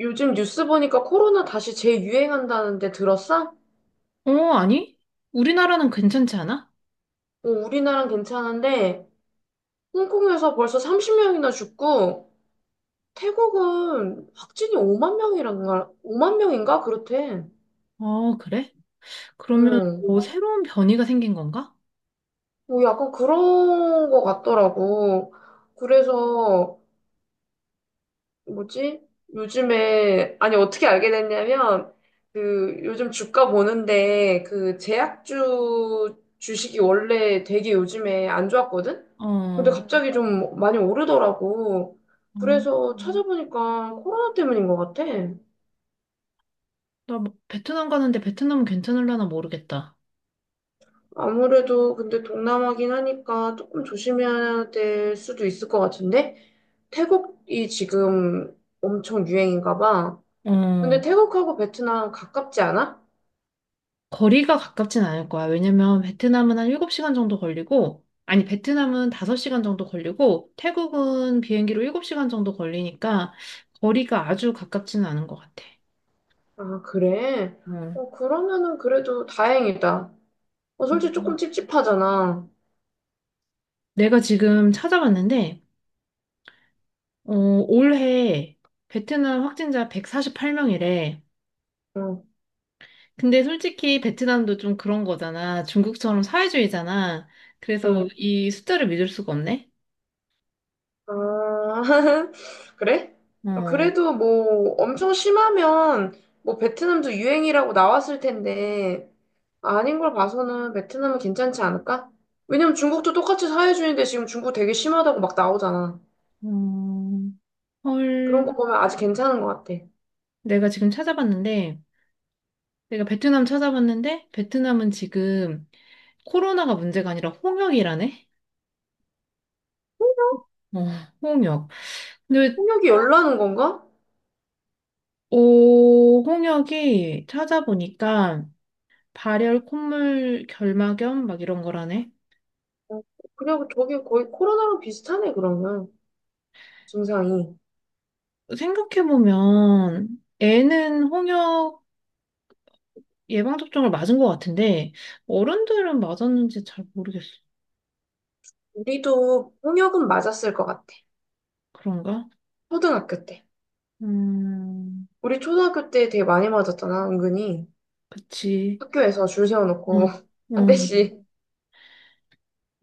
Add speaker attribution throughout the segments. Speaker 1: 요즘 뉴스 보니까 코로나 다시 재유행한다는데 들었어?
Speaker 2: 어, 아니? 우리나라는 괜찮지 않아?
Speaker 1: 어, 우리나라는 괜찮은데 홍콩에서 벌써 30명이나 죽고 태국은 확진이 5만 명이란가 5만 명인가 그렇대.
Speaker 2: 어, 그래? 그러면
Speaker 1: 응.
Speaker 2: 뭐 새로운 변이가 생긴 건가?
Speaker 1: 뭐 약간 그런 거 같더라고. 그래서 뭐지? 요즘에, 아니, 어떻게 알게 됐냐면, 그, 요즘 주가 보는데, 그, 제약주 주식이 원래 되게 요즘에 안 좋았거든? 근데
Speaker 2: 어,
Speaker 1: 갑자기 좀 많이 오르더라고.
Speaker 2: 어,
Speaker 1: 그래서 찾아보니까 코로나 때문인 것 같아.
Speaker 2: 나뭐 베트남 가는데 베트남은 괜찮을라나 모르겠다.
Speaker 1: 아무래도 근데 동남아긴 하니까 조금 조심해야 될 수도 있을 것 같은데? 태국이 지금 엄청 유행인가 봐. 근데
Speaker 2: 어,
Speaker 1: 태국하고 베트남 가깝지 않아?
Speaker 2: 거리가 가깝진 않을 거야. 왜냐면 베트남은 한 7시간 정도 걸리고, 아니, 베트남은 5시간 정도 걸리고, 태국은 비행기로 7시간 정도 걸리니까 거리가 아주 가깝지는 않은 것 같아.
Speaker 1: 아, 그래?
Speaker 2: 어.
Speaker 1: 어, 그러면은 그래도 다행이다. 어, 솔직히 조금 찝찝하잖아.
Speaker 2: 내가 지금 찾아봤는데, 어, 올해 베트남 확진자 148명이래.
Speaker 1: 응,
Speaker 2: 근데 솔직히 베트남도 좀 그런 거잖아. 중국처럼 사회주의잖아. 그래서
Speaker 1: 응.
Speaker 2: 이 숫자를 믿을 수가 없네.
Speaker 1: 아, 그래? 어,
Speaker 2: 어,
Speaker 1: 그래도 뭐 엄청 심하면 뭐 베트남도 유행이라고 나왔을 텐데 아닌 걸 봐서는 베트남은 괜찮지 않을까? 왜냐면 중국도 똑같이 사회주의인데 지금 중국 되게 심하다고 막 나오잖아.
Speaker 2: 음,
Speaker 1: 그런
Speaker 2: 헐.
Speaker 1: 거 보면 아직 괜찮은 것 같아.
Speaker 2: 내가 지금 찾아봤는데, 내가 베트남 찾아봤는데, 베트남은 지금 코로나가 문제가 아니라 홍역이라네? 어, 홍역. 근데,
Speaker 1: 폭력이 열나는 건가?
Speaker 2: 오, 홍역이 찾아보니까 발열, 콧물, 결막염, 막 이런 거라네.
Speaker 1: 어, 그냥 저기 거의 코로나랑 비슷하네, 그러면. 증상이.
Speaker 2: 생각해보면 애는 홍역 예방접종을 맞은 것 같은데 어른들은 맞았는지 잘 모르겠어.
Speaker 1: 우리도 폭력은 맞았을 것 같아.
Speaker 2: 그런가?
Speaker 1: 초등학교 때.
Speaker 2: 음,
Speaker 1: 우리 초등학교 때 되게 많이 맞았잖아, 은근히.
Speaker 2: 그치.
Speaker 1: 학교에서 줄
Speaker 2: 응,
Speaker 1: 세워놓고
Speaker 2: 응.
Speaker 1: 한 대씩.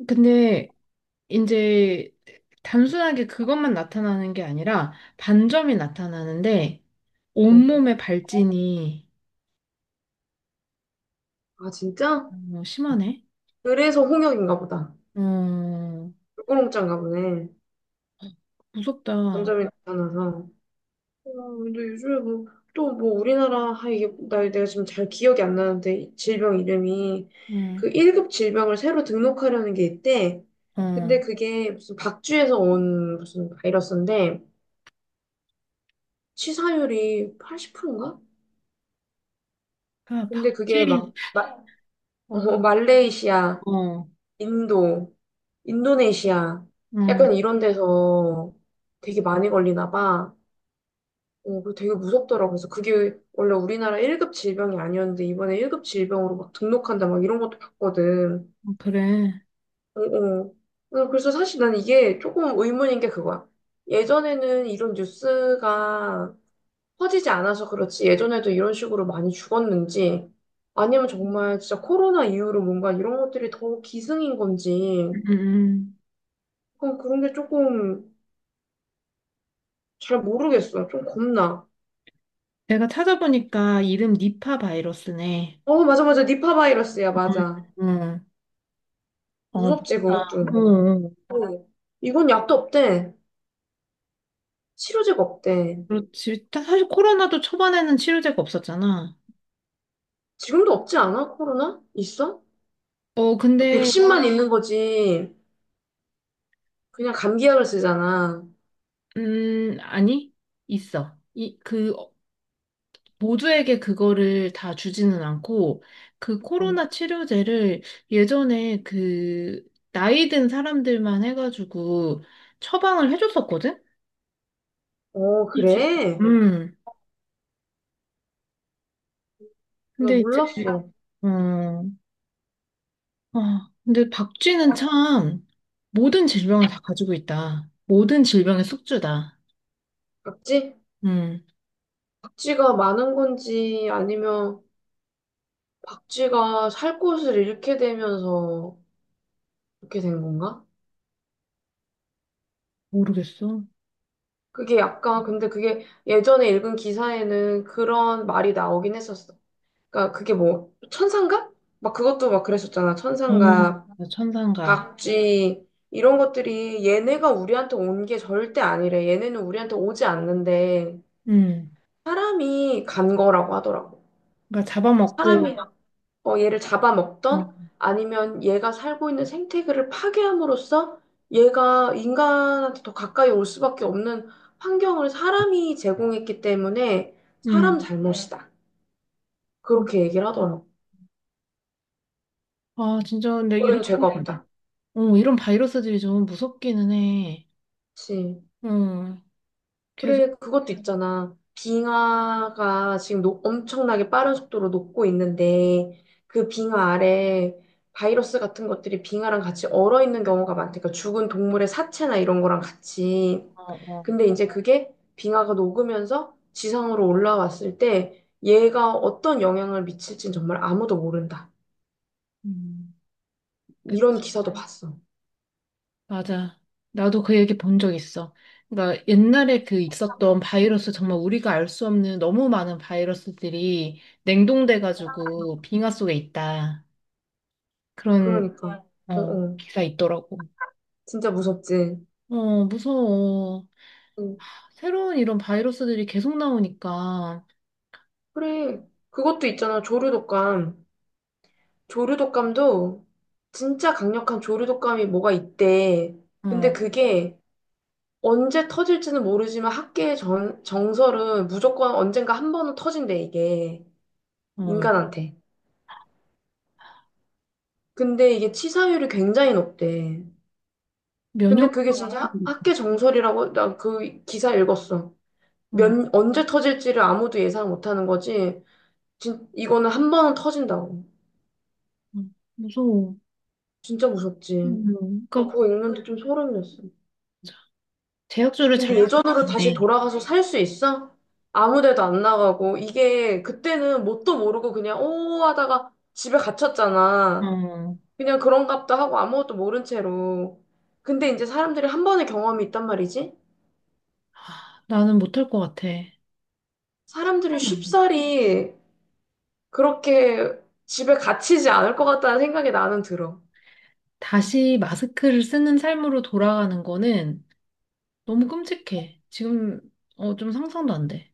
Speaker 2: 근데 이제 단순하게 그것만 나타나는 게 아니라 반점이 나타나는데
Speaker 1: 어.
Speaker 2: 온몸에 발진이
Speaker 1: 아, 진짜?
Speaker 2: 너무 심하네.
Speaker 1: 그래서 홍역인가 보다.
Speaker 2: 어,
Speaker 1: 꿀꼬롱짠가 보네.
Speaker 2: 무섭다.
Speaker 1: 반점이 나타나서. 어, 근데 요즘에 뭐, 또 뭐 우리나라, 아, 이게, 나 내가 지금 잘 기억이 안 나는데, 이 질병 이름이. 그
Speaker 2: 응.
Speaker 1: 1급 질병을 새로 등록하려는 게 있대.
Speaker 2: 어,
Speaker 1: 근데 그게 무슨 박쥐에서 온 무슨 바이러스인데, 치사율이 80%인가?
Speaker 2: 아,
Speaker 1: 근데 그게
Speaker 2: 박쥐.
Speaker 1: 막
Speaker 2: 어,
Speaker 1: 말레이시아,
Speaker 2: 어.
Speaker 1: 인도, 인도네시아
Speaker 2: 어.
Speaker 1: 약간 이런 데서 되게 많이 걸리나 봐. 어, 그 되게 무섭더라고. 그래서 그게 원래 우리나라 1급 질병이 아니었는데 이번에 1급 질병으로 막 등록한다 막 이런 것도 봤거든.
Speaker 2: 어, 그래.
Speaker 1: 어, 어. 어, 그래서 사실 난 이게 조금 의문인 게 그거야. 예전에는 이런 뉴스가 퍼지지 않아서 그렇지 예전에도 이런 식으로 많이 죽었는지 아니면 정말 진짜 코로나 이후로 뭔가 이런 것들이 더 기승인 건지
Speaker 2: 음, 음, 음.
Speaker 1: 그건 그런 게 조금 잘 모르겠어. 좀 겁나.
Speaker 2: 내가 찾아보니까 이름 니파 바이러스네.
Speaker 1: 어, 맞아, 맞아. 니파 바이러스야, 맞아.
Speaker 2: 응. 어,
Speaker 1: 무섭지,
Speaker 2: 무섭다.
Speaker 1: 그것도.
Speaker 2: 어, 어.
Speaker 1: 응. 이건 약도 없대. 치료제가 없대.
Speaker 2: 그렇지. 사실 코로나도 초반에는 치료제가 없었잖아.
Speaker 1: 지금도 없지 않아? 코로나? 있어?
Speaker 2: 어,
Speaker 1: 그
Speaker 2: 근데,
Speaker 1: 백신만 있는 거지. 그냥 감기약을 쓰잖아.
Speaker 2: 아니, 있어. 이, 그, 어, 모두에게 그거를 다 주지는 않고, 그
Speaker 1: 어,
Speaker 2: 코로나 치료제를 예전에 그, 나이 든 사람들만 해가지고 처방을 해줬었거든?
Speaker 1: 어,
Speaker 2: 그치.
Speaker 1: 그래?
Speaker 2: 음.
Speaker 1: 나
Speaker 2: 근데 이제,
Speaker 1: 몰랐어.
Speaker 2: 어, 아, 근데 박쥐는 참 모든 질병을 다 가지고 있다. 모든 질병의 숙주다.
Speaker 1: 맞지?
Speaker 2: 음,
Speaker 1: 박쥐가 많은 건지 아니면 박쥐가 살 곳을 잃게 되면서 그렇게 된 건가?
Speaker 2: 모르겠어.
Speaker 1: 그게 약간 근데 그게 예전에 읽은 기사에는 그런 말이 나오긴 했었어. 그러니까 그게 뭐 천상갑? 막 그것도 막 그랬었잖아. 천상갑,
Speaker 2: 어, 천상갑.
Speaker 1: 박쥐 이런 것들이 얘네가 우리한테 온 게 절대 아니래. 얘네는 우리한테 오지 않는데
Speaker 2: 음,
Speaker 1: 사람이 간 거라고 하더라고.
Speaker 2: 그러니까 잡아먹고.
Speaker 1: 사람이 어, 얘를 잡아먹던
Speaker 2: 어,
Speaker 1: 아니면 얘가 살고 있는 생태계를 파괴함으로써 얘가 인간한테 더 가까이 올 수밖에 없는 환경을 사람이 제공했기 때문에 사람 네.
Speaker 2: 음.
Speaker 1: 잘못이다. 그렇게 얘기를 하더라고.
Speaker 2: 아, 진짜 근데 이런,
Speaker 1: 우리는 죄가 네. 없다.
Speaker 2: 어, 이런 바이러스들이 좀 무섭기는 해.
Speaker 1: 그지
Speaker 2: 어,
Speaker 1: 그래,
Speaker 2: 계속,
Speaker 1: 그것도 있잖아. 빙하가 지금 엄청나게 빠른 속도로 녹고 있는데, 그 빙하 아래 바이러스 같은 것들이 빙하랑 같이 얼어 있는 경우가 많다니까, 죽은 동물의 사체나 이런 거랑 같이.
Speaker 2: 어, 어.
Speaker 1: 근데 이제 그게 빙하가 녹으면서 지상으로 올라왔을 때, 얘가 어떤 영향을 미칠진 정말 아무도 모른다.
Speaker 2: 음,
Speaker 1: 이런 기사도 봤어.
Speaker 2: 맞아. 나도 그 얘기 본 적 있어. 그러니까 옛날에 그 있었던 바이러스 정말 우리가 알 수 없는 너무 많은 바이러스들이 냉동돼가지고 빙하 속에 있다. 그런
Speaker 1: 그러니까. 음. 어,
Speaker 2: 어,
Speaker 1: 어.
Speaker 2: 기사 있더라고.
Speaker 1: 진짜 무섭지.
Speaker 2: 어, 무서워.
Speaker 1: 응.
Speaker 2: 새로운 이런 바이러스들이 계속 나오니까
Speaker 1: 그래. 그것도 있잖아. 조류 독감. 조류독감도 진짜 강력한 조류독감이 뭐가 있대. 근데
Speaker 2: 어,
Speaker 1: 그게 언제 터질지는 모르지만 학계의 정설은 무조건 언젠가 한 번은 터진대, 이게.
Speaker 2: 어,
Speaker 1: 인간한테. 근데 이게 치사율이 굉장히 높대.
Speaker 2: 면역
Speaker 1: 근데 그게 진짜 학계 정설이라고 나 그 기사 읽었어.
Speaker 2: 어,
Speaker 1: 언제 터질지를 아무도 예상 못하는 거지. 이거는 한 번은 터진다고.
Speaker 2: 어, 무서워.
Speaker 1: 진짜 무섭지. 나
Speaker 2: 그러니까
Speaker 1: 그거 읽는데 좀 소름이었어.
Speaker 2: 제약주를 잘
Speaker 1: 근데 예전으로 다시
Speaker 2: 지키네.
Speaker 1: 돌아가서 살 수 있어? 아무 데도 안 나가고, 이게 그때는 뭣도 모르고 그냥 오 하다가 집에 갇혔잖아.
Speaker 2: 어,
Speaker 1: 그냥 그런가 보다 하고 아무것도 모른 채로. 근데 이제 사람들이 한 번의 경험이 있단 말이지?
Speaker 2: 하, 나는 못할 것 같아.
Speaker 1: 사람들이 쉽사리 그렇게 집에 갇히지 않을 것 같다는 생각이 나는 들어.
Speaker 2: 다시 마스크를 쓰는 삶으로 돌아가는 거는 너무 끔찍해. 지금 어, 좀 상상도 안 돼.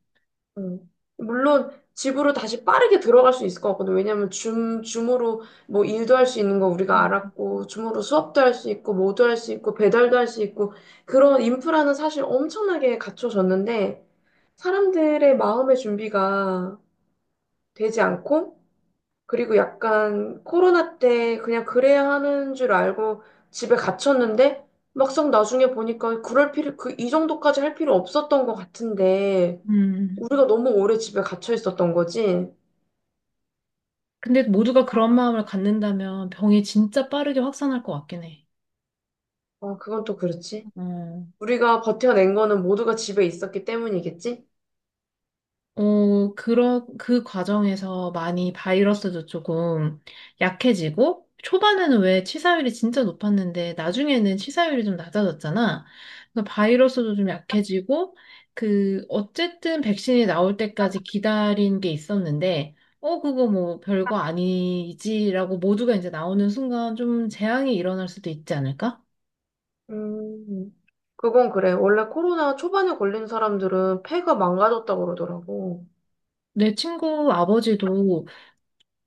Speaker 1: 음. 물론 집으로 다시 빠르게 들어갈 수 있을 것 같거든. 왜냐면 줌으로 뭐 일도 할 수 있는 거 우리가 알았고, 줌으로 수업도 할 수 있고, 뭐도 할 수 있고, 배달도 할 수 있고, 그런 인프라는 사실 엄청나게 갖춰졌는데, 사람들의 마음의 준비가 되지 않고, 그리고 약간 코로나 때 그냥 그래야 하는 줄 알고 집에 갇혔는데 막상 나중에 보니까 그 이 정도까지 할 필요 없었던 것 같은데
Speaker 2: 음.
Speaker 1: 우리가 너무 오래 집에 갇혀 있었던 거지.
Speaker 2: 근데 모두가 그런 마음을 갖는다면 병이 진짜 빠르게 확산할 것 같긴 해.
Speaker 1: 아, 그건 또 그렇지.
Speaker 2: 어.
Speaker 1: 우리가 버텨낸 거는 모두가 집에 있었기 때문이겠지?
Speaker 2: 어, 그런 그 과정에서 많이 바이러스도 조금 약해지고, 초반에는 왜 치사율이 진짜 높았는데, 나중에는 치사율이 좀 낮아졌잖아. 그 바이러스도 좀 약해지고, 그, 어쨌든 백신이 나올 때까지 기다린 게 있었는데, 어, 그거 뭐 별거 아니지라고 모두가 이제 나오는 순간 좀 재앙이 일어날 수도 있지 않을까?
Speaker 1: 음, 그건 그래. 원래 코로나 초반에 걸린 사람들은 폐가 망가졌다고 그러더라고.
Speaker 2: 내 친구 아버지도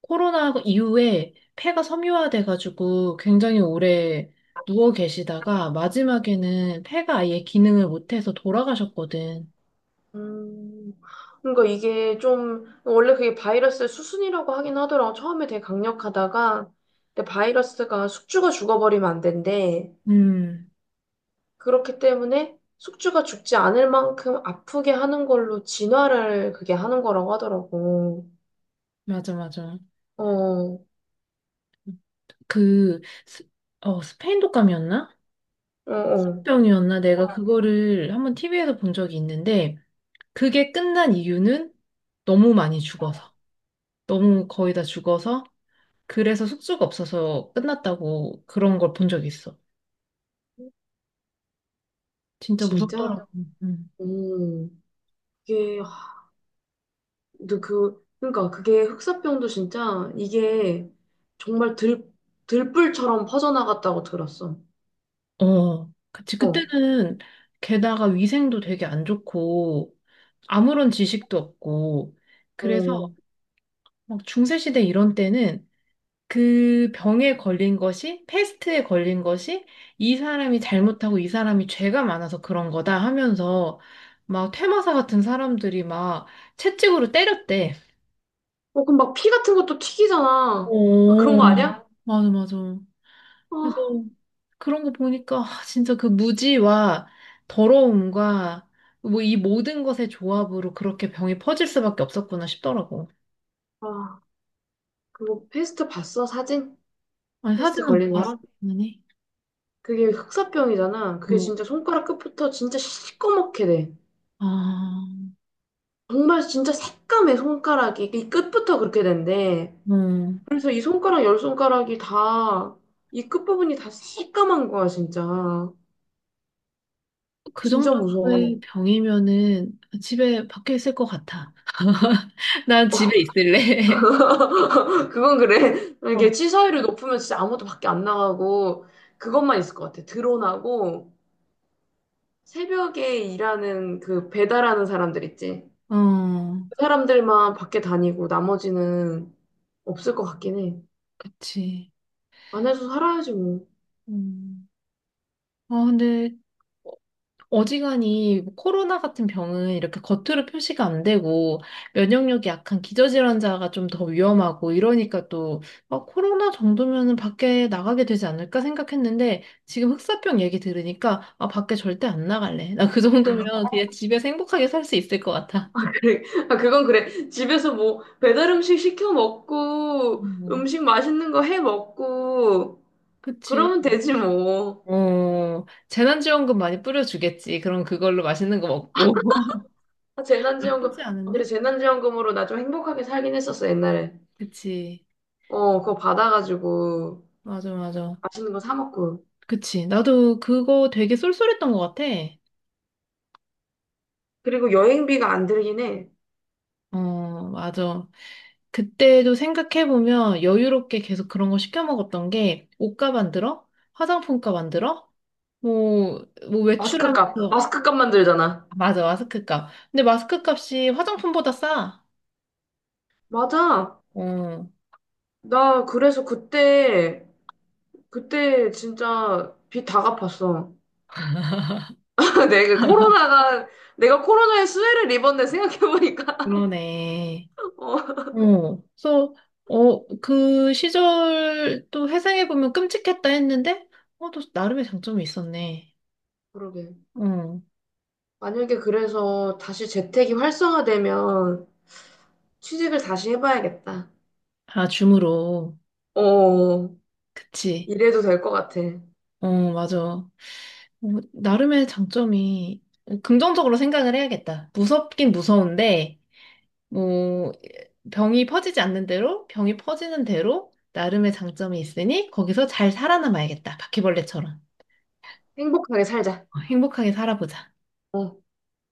Speaker 2: 코로나 이후에 폐가 섬유화돼가지고 굉장히 오래 누워 계시다가 마지막에는 폐가 아예 기능을 못해서 돌아가셨거든.
Speaker 1: 음, 그러니까 이게 좀, 원래 그게 바이러스의 수순이라고 하긴 하더라고. 처음에 되게 강력하다가, 근데 바이러스가 숙주가 죽어버리면 안 된대.
Speaker 2: 음,
Speaker 1: 그렇기 때문에 숙주가 죽지 않을 만큼 아프게 하는 걸로 진화를 그게 하는 거라고 하더라고.
Speaker 2: 맞아, 맞아.
Speaker 1: 어, 어,
Speaker 2: 그, 스, 어, 스페인 독감이었나?
Speaker 1: 어.
Speaker 2: 병이었나? 내가 그거를 한번 TV에서 본 적이 있는데, 그게 끝난 이유는 너무 많이 죽어서. 너무 거의 다 죽어서. 그래서 숙소가 없어서 끝났다고 그런 걸 본 적이 있어. 진짜 무섭더라고.
Speaker 1: 진짜?
Speaker 2: 음.
Speaker 1: 음, 이게, 하, 근데 그, 그러니까 그게 흑사병도 진짜 이게 정말 들불처럼 퍼져나갔다고 들었어.
Speaker 2: 어, 그치.
Speaker 1: 어.
Speaker 2: 그때는 게다가 위생도 되게 안 좋고 아무런 지식도 없고 그래서
Speaker 1: 어,
Speaker 2: 막 중세시대 이런 때는 그 병에 걸린 것이 패스트에 걸린 것이 이 사람이 잘못하고 이 사람이 죄가 많아서 그런 거다 하면서 막 퇴마사 같은 사람들이 막 채찍으로 때렸대.
Speaker 1: 어, 그럼 막 피 같은 것도 튀기잖아. 아, 그런
Speaker 2: 오,
Speaker 1: 거 아니야?
Speaker 2: 맞아, 맞아. 그래서
Speaker 1: 아,
Speaker 2: 그런 거 보니까 아, 진짜 그 무지와 더러움과 뭐 이 모든 것의 조합으로 그렇게 병이 퍼질 수밖에 없었구나 싶더라고.
Speaker 1: 어, 아, 그거 패스트 봤어? 사진?
Speaker 2: 아니,
Speaker 1: 패스트
Speaker 2: 사진은 못
Speaker 1: 걸린
Speaker 2: 봤어,
Speaker 1: 사람?
Speaker 2: 당연히.
Speaker 1: 그게 흑사병이잖아. 그게
Speaker 2: 어,
Speaker 1: 진짜 손가락 끝부터 진짜 시꺼멓게 돼.
Speaker 2: 아,
Speaker 1: 정말 진짜 새까매 손가락이 이 끝부터 그렇게 된대.
Speaker 2: 어,
Speaker 1: 그래서 이 손가락 열 손가락이 다 이 끝부분이 다 새까만 거야 진짜.
Speaker 2: 그
Speaker 1: 진짜 무서워.
Speaker 2: 정도의 병이면은 집에 밖에 있을 것 같아. 난 집에 있을래.
Speaker 1: 그건 그래. 이게 취사율이 높으면 진짜 아무도 밖에 안 나가고 그것만 있을 것 같아. 드론하고 새벽에 일하는 그 배달하는 사람들 있지.
Speaker 2: 어, 어,
Speaker 1: 그 사람들만 밖에 다니고 나머지는 없을 것 같긴 해.
Speaker 2: 그치.
Speaker 1: 안에서 살아야지 뭐.
Speaker 2: 음. 아, 근데 어지간히 뭐 코로나 같은 병은 이렇게 겉으로 표시가 안 되고 면역력이 약한 기저질환자가 좀 더 위험하고 이러니까 또 아, 코로나 정도면은 밖에 나가게 되지 않을까 생각했는데 지금 흑사병 얘기 들으니까 아, 밖에 절대 안 나갈래. 나 그 정도면 그냥 집에서 행복하게 살 수 있을 것 같아.
Speaker 1: 그래. 아, 그건 그래. 집에서 뭐 배달 음식 시켜 먹고
Speaker 2: 음,
Speaker 1: 음식 맛있는 거 해 먹고
Speaker 2: 그치.
Speaker 1: 그러면 되지 뭐.
Speaker 2: 어, 재난지원금 많이 뿌려주겠지. 그럼 그걸로 맛있는 거 먹고.
Speaker 1: 아, 재난지원금.
Speaker 2: 나쁘지
Speaker 1: 아, 그래
Speaker 2: 않은데?
Speaker 1: 재난지원금으로 나 좀 행복하게 살긴 했었어 옛날에.
Speaker 2: 그치.
Speaker 1: 어, 그거 받아가지고
Speaker 2: 맞아, 맞아.
Speaker 1: 맛있는 거 사 먹고.
Speaker 2: 그치. 나도 그거 되게 쏠쏠했던 것 같아.
Speaker 1: 그리고 여행비가 안 들긴 해.
Speaker 2: 어, 맞아. 그때도 생각해보면 여유롭게 계속 그런 거 시켜 먹었던 게 옷값 안 들어? 화장품값 안 들어? 뭐, 뭐
Speaker 1: 마스크 값.
Speaker 2: 외출하면서.
Speaker 1: 마스크 값만 들잖아.
Speaker 2: 아, 맞아, 마스크값. 근데 마스크값이 화장품보다 싸.
Speaker 1: 맞아.
Speaker 2: 어,
Speaker 1: 나 그래서 그때, 그때 진짜 빚 다 갚았어. 내가 코로나가, 내가 코로나에 수혜를 입었네 생각해보니까.
Speaker 2: 그러네.
Speaker 1: 어,
Speaker 2: 어, 그래서, 어, 그 시절 또 회상해보면 끔찍했다 했는데, 어, 또 나름의 장점이 있었네.
Speaker 1: 그러게.
Speaker 2: 어,
Speaker 1: 만약에 그래서 다시 재택이 활성화되면 취직을 다시 해봐야겠다.
Speaker 2: 아, 줌으로.
Speaker 1: 어,
Speaker 2: 그치.
Speaker 1: 이래도 될 것 같아.
Speaker 2: 어, 맞아. 어, 나름의 장점이 어, 긍정적으로 생각을 해야겠다. 무섭긴 무서운데, 뭐, 병이 퍼지지 않는 대로, 병이 퍼지는 대로 나름의 장점이 있으니 거기서 잘 살아남아야겠다. 바퀴벌레처럼.
Speaker 1: 행복하게 살자.
Speaker 2: 어, 행복하게 살아보자.
Speaker 1: 어.